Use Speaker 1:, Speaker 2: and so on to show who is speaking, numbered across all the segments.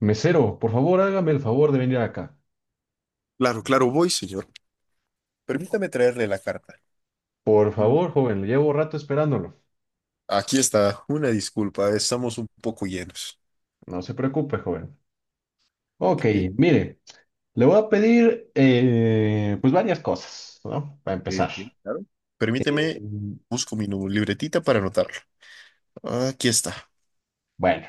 Speaker 1: Mesero, por favor, hágame el favor de venir acá.
Speaker 2: Claro, claro, voy, señor. Permítame traerle la carta.
Speaker 1: Por
Speaker 2: Mm.
Speaker 1: favor, joven, le llevo rato esperándolo.
Speaker 2: Aquí está. Una disculpa, estamos un poco llenos.
Speaker 1: No se preocupe, joven. Ok,
Speaker 2: Ok,
Speaker 1: mire, le voy a pedir pues varias cosas, ¿no? Para
Speaker 2: ok,
Speaker 1: empezar.
Speaker 2: ok, claro.
Speaker 1: Eh,
Speaker 2: Permíteme, busco mi libretita para anotarlo. Aquí está.
Speaker 1: bueno,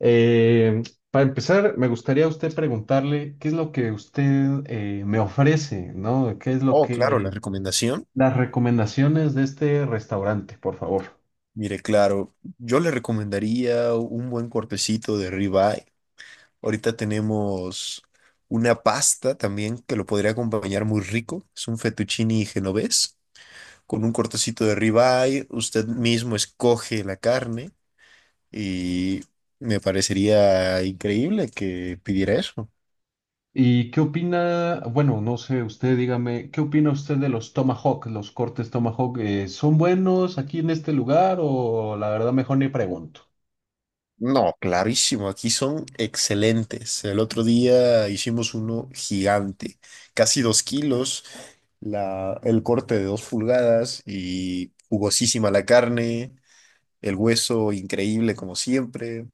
Speaker 1: eh, para empezar, me gustaría a usted preguntarle qué es lo que usted me ofrece, ¿no? ¿Qué es lo
Speaker 2: Oh, claro, la
Speaker 1: que...
Speaker 2: recomendación.
Speaker 1: Las recomendaciones de este restaurante, por favor.
Speaker 2: Mire, claro, yo le recomendaría un buen cortecito de ribeye. Ahorita tenemos una pasta también que lo podría acompañar muy rico. Es un fettuccine genovés con un cortecito de ribeye. Usted mismo escoge la carne. Y me parecería increíble que pidiera eso.
Speaker 1: ¿Y qué opina? Bueno, no sé, usted dígame, ¿qué opina usted de los Tomahawk, los cortes Tomahawk? ¿Son buenos aquí en este lugar o la verdad mejor ni pregunto?
Speaker 2: No, clarísimo, aquí son excelentes. El otro día hicimos uno gigante, casi dos kilos, el corte de dos pulgadas y jugosísima la carne, el hueso increíble como siempre.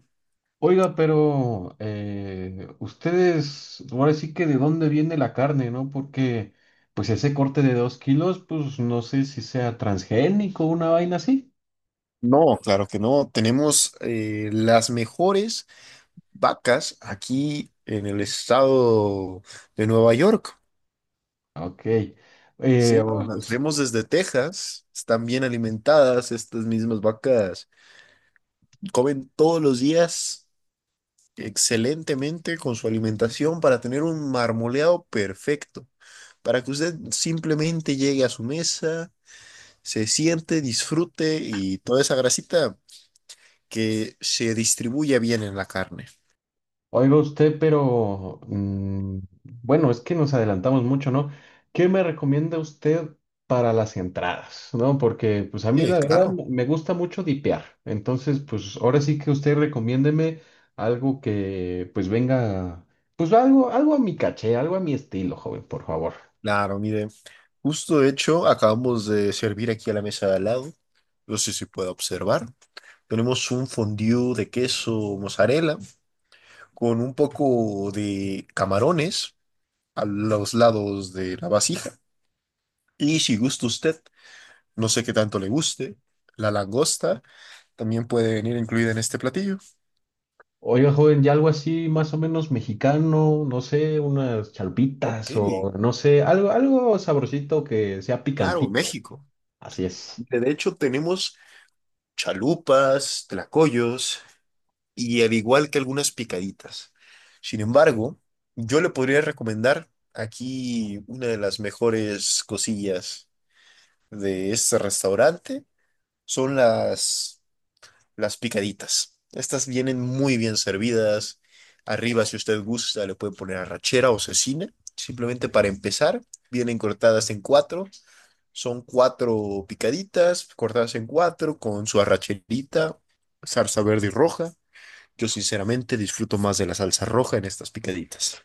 Speaker 1: Oiga, pero ustedes, ahora sí que de dónde viene la carne, ¿no? Porque pues ese corte de 2 kilos, pues no sé si sea transgénico o una vaina así.
Speaker 2: No, claro que no. Tenemos las mejores vacas aquí en el estado de Nueva York.
Speaker 1: Ok. Eh,
Speaker 2: Sí, no,
Speaker 1: o-
Speaker 2: las traemos desde Texas, están bien alimentadas, estas mismas vacas comen todos los días excelentemente con su alimentación para tener un marmoleado perfecto, para que usted simplemente llegue a su mesa, se siente, disfrute y toda esa grasita que se distribuya bien en la carne.
Speaker 1: Oiga usted, pero bueno, es que nos adelantamos mucho, ¿no? ¿Qué me recomienda usted para las entradas? ¿No? Porque pues a mí
Speaker 2: Sí,
Speaker 1: la verdad
Speaker 2: claro.
Speaker 1: me gusta mucho dipear. Entonces, pues ahora sí que usted recomiéndeme algo que pues venga, pues algo, algo a mi caché, algo a mi estilo, joven, por favor.
Speaker 2: Claro, mire, justo de hecho acabamos de servir aquí a la mesa de al lado, no sé si puede observar, tenemos un fondue de queso mozzarella con un poco de camarones a los lados de la vasija y si gusta usted, no sé qué tanto le guste, la langosta también puede venir incluida en este platillo.
Speaker 1: Oiga, joven, ya algo así más o menos mexicano, no sé, unas
Speaker 2: Ok,
Speaker 1: chalpitas o no sé, algo, algo sabrosito que sea
Speaker 2: claro,
Speaker 1: picantito.
Speaker 2: México.
Speaker 1: Así es.
Speaker 2: De hecho tenemos chalupas, tlacoyos, y al igual que algunas picaditas. Sin embargo, yo le podría recomendar aquí una de las mejores cosillas de este restaurante son las picaditas. Estas vienen muy bien servidas. Arriba, si usted gusta, le puede poner arrachera o cecina. Simplemente para empezar, vienen cortadas en cuatro. Son cuatro picaditas cortadas en cuatro con su arracherita, salsa verde y roja. Yo sinceramente disfruto más de la salsa roja en estas picaditas.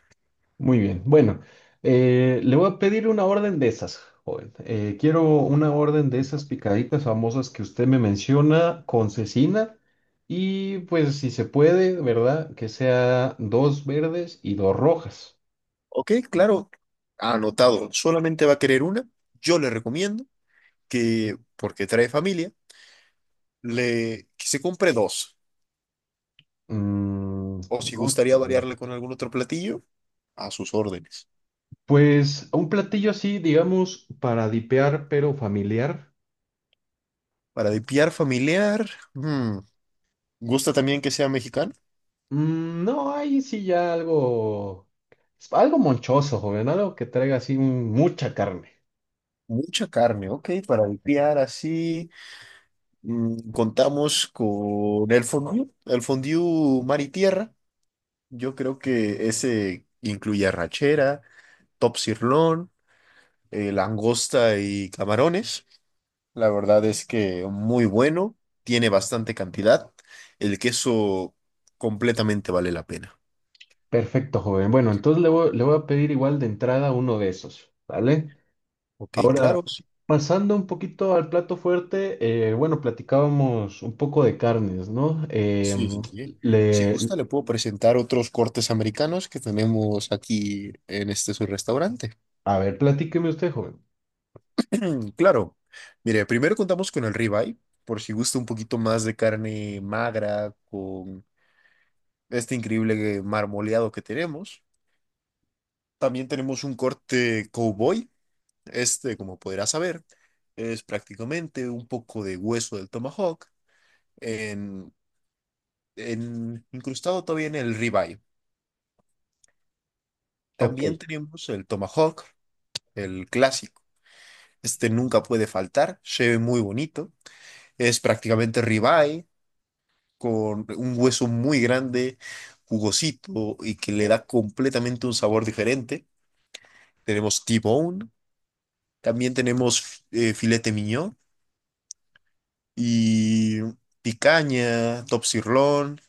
Speaker 1: Muy bien. Bueno, le voy a pedir una orden de esas, joven. Quiero una orden de esas picaditas famosas que usted me menciona con cecina y pues si se puede, ¿verdad? Que sea dos verdes y dos rojas.
Speaker 2: Ok, claro, anotado. Solamente va a querer una. Yo le recomiendo que, porque trae familia, que se compre dos.
Speaker 1: Mm,
Speaker 2: O si
Speaker 1: no
Speaker 2: gustaría
Speaker 1: sé.
Speaker 2: variarle con algún otro platillo, a sus órdenes.
Speaker 1: Pues un platillo así, digamos, para dipear, pero familiar.
Speaker 2: Para dipiar familiar, ¿gusta también que sea mexicano?
Speaker 1: Mm, no, ahí sí ya algo, algo monchoso, joven, algo que traiga así mucha carne.
Speaker 2: Mucha carne, ok, para dipiar así. Contamos con el fondue mar y tierra. Yo creo que ese incluye arrachera, top sirloin, langosta y camarones. La verdad es que muy bueno, tiene bastante cantidad. El queso completamente vale la pena.
Speaker 1: Perfecto, joven. Bueno, entonces le voy a pedir igual de entrada uno de esos, ¿vale?
Speaker 2: Ok,
Speaker 1: Ahora,
Speaker 2: claro. Sí,
Speaker 1: pasando un poquito al plato fuerte, bueno, platicábamos un poco de carnes, ¿no?
Speaker 2: sí, sí, sí. Si
Speaker 1: Le,
Speaker 2: gusta, le puedo presentar otros cortes americanos que tenemos aquí en este su restaurante.
Speaker 1: a ver, platíqueme usted, joven.
Speaker 2: Claro. Mire, primero contamos con el ribeye, por si gusta un poquito más de carne magra, con este increíble marmoleado que tenemos. También tenemos un corte cowboy. Este, como podrás saber, es prácticamente un poco de hueso del tomahawk en, incrustado todavía en el ribeye.
Speaker 1: Ok.
Speaker 2: También tenemos el tomahawk, el clásico. Este nunca puede faltar, se ve muy bonito. Es prácticamente ribeye con un hueso muy grande, jugosito y que le da completamente un sabor diferente. Tenemos T-bone, también tenemos filete miñón y picaña, top sirloin,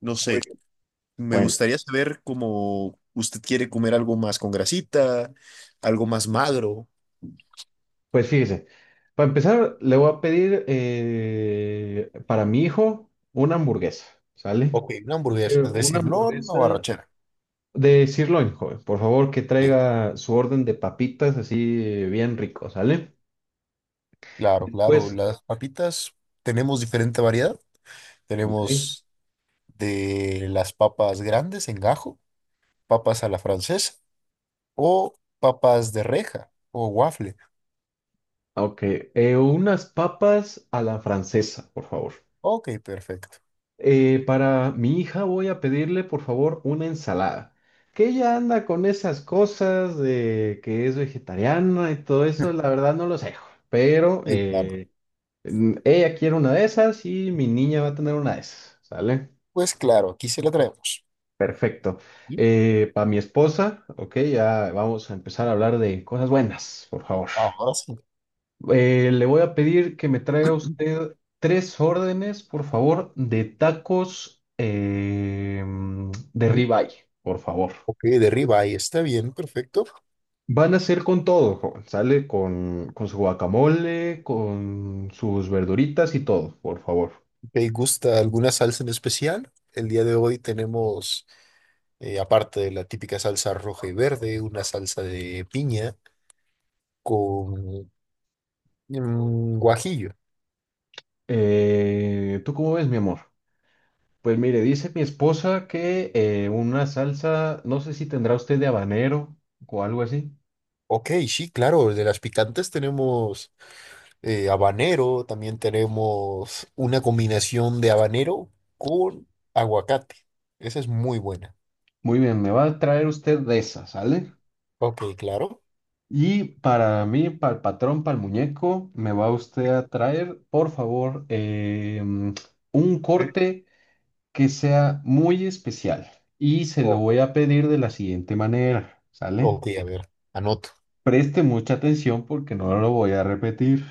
Speaker 2: no
Speaker 1: Muy
Speaker 2: sé.
Speaker 1: bien.
Speaker 2: Me
Speaker 1: Bueno,
Speaker 2: gustaría saber cómo usted quiere comer algo más con grasita, algo más magro.
Speaker 1: pues fíjese. Para empezar, le voy a pedir para mi hijo una hamburguesa, ¿sale?
Speaker 2: Ok, una hamburguesa, es
Speaker 1: Quiero una
Speaker 2: decir, o
Speaker 1: hamburguesa
Speaker 2: arrachera.
Speaker 1: de sirloin, joven. Por favor, que
Speaker 2: Sí,
Speaker 1: traiga su orden de papitas así bien rico, ¿sale?
Speaker 2: claro, claro.
Speaker 1: Después,
Speaker 2: Las papitas tenemos diferente variedad.
Speaker 1: ok.
Speaker 2: Tenemos de las papas grandes en gajo, papas a la francesa o papas de reja o waffle.
Speaker 1: Ok. Unas papas a la francesa, por favor.
Speaker 2: Ok, perfecto.
Speaker 1: Para mi hija voy a pedirle, por favor, una ensalada. Que ella anda con esas cosas de que es vegetariana y todo eso, la verdad no lo sé, joven.
Speaker 2: Sí, claro.
Speaker 1: Ella quiere una de esas y mi niña va a tener una de esas, ¿sale?
Speaker 2: Pues claro, aquí se la traemos.
Speaker 1: Perfecto.
Speaker 2: ¿Sí?
Speaker 1: Para mi esposa, ok, ya vamos a empezar a hablar de cosas buenas, por favor.
Speaker 2: Ahora sí.
Speaker 1: Le voy a pedir que me traiga usted tres órdenes, por favor, de tacos de
Speaker 2: Mm,
Speaker 1: ribeye, por favor.
Speaker 2: ok, de ribeye, está bien, perfecto.
Speaker 1: Van a ser con todo, joven. Sale con su guacamole, con sus verduritas y todo, por favor.
Speaker 2: ¿Te gusta alguna salsa en especial? El día de hoy tenemos, aparte de la típica salsa roja y verde, una salsa de piña con guajillo.
Speaker 1: ¿Tú cómo ves, mi amor? Pues mire, dice mi esposa que una salsa, no sé si tendrá usted de habanero o algo así.
Speaker 2: Ok, sí, claro, de las picantes tenemos habanero, también tenemos una combinación de habanero con aguacate. Esa es muy buena.
Speaker 1: Muy bien, me va a traer usted de esa, ¿sale?
Speaker 2: Ok, claro.
Speaker 1: Y para mí, para el patrón, para el muñeco, me va usted a traer, por favor, un corte que sea muy especial. Y se lo
Speaker 2: Sí.
Speaker 1: voy a pedir de la siguiente manera, ¿sale?
Speaker 2: Ok, a ver, anoto.
Speaker 1: Preste mucha atención porque no lo voy a repetir,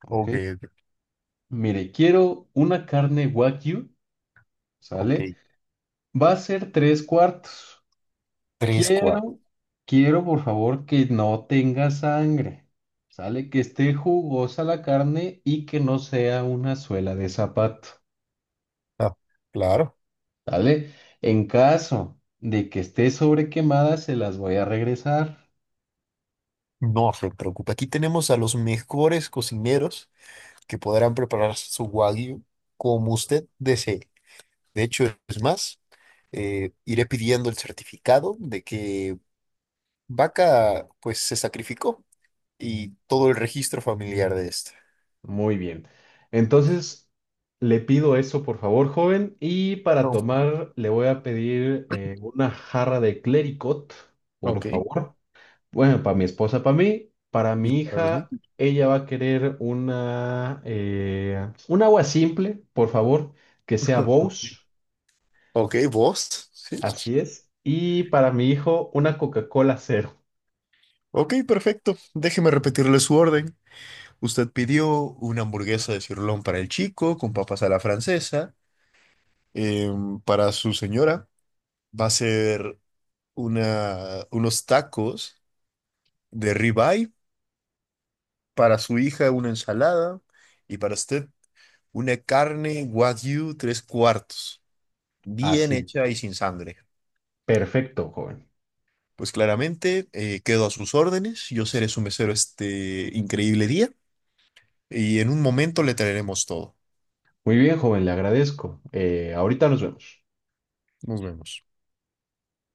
Speaker 1: ¿ok?
Speaker 2: Ok, ok,
Speaker 1: Mire, quiero una carne wagyu,
Speaker 2: ok.
Speaker 1: ¿sale? Va a ser tres cuartos.
Speaker 2: Tres cuartos.
Speaker 1: Quiero, quiero por favor que no tenga sangre. Sale que esté jugosa la carne y que no sea una suela de zapato.
Speaker 2: Ah, claro.
Speaker 1: ¿Sale? En caso de que esté sobrequemada, se las voy a regresar.
Speaker 2: No se preocupe. Aquí tenemos a los mejores cocineros que podrán preparar su wagyu como usted desee. De hecho, es más, iré pidiendo el certificado de que vaca, pues, se sacrificó y todo el registro familiar de esta.
Speaker 1: Muy bien. Entonces, le pido eso por favor, joven. Y para
Speaker 2: Claro.
Speaker 1: tomar, le voy a pedir una jarra de clericot, por
Speaker 2: Ok.
Speaker 1: favor. Bueno, para mi esposa, para mí, para
Speaker 2: Y
Speaker 1: mi
Speaker 2: para los
Speaker 1: hija,
Speaker 2: niños.
Speaker 1: ella va a querer un agua simple, por favor, que sea Bose,
Speaker 2: Ok, vos. Sí.
Speaker 1: así es. Y para mi hijo, una Coca-Cola cero,
Speaker 2: Ok, perfecto. Déjeme repetirle su orden. Usted pidió una hamburguesa de cirlón para el chico con papas a la francesa. Para su señora va a ser unos tacos de ribeye. Para su hija una ensalada. Y para usted una carne wagyu tres cuartos, bien
Speaker 1: así es.
Speaker 2: hecha y sin sangre.
Speaker 1: Perfecto, joven.
Speaker 2: Pues claramente quedo a sus órdenes. Yo seré su mesero este increíble día. Y en un momento le traeremos todo.
Speaker 1: Muy bien, joven, le agradezco. Ahorita nos vemos.
Speaker 2: Nos vemos.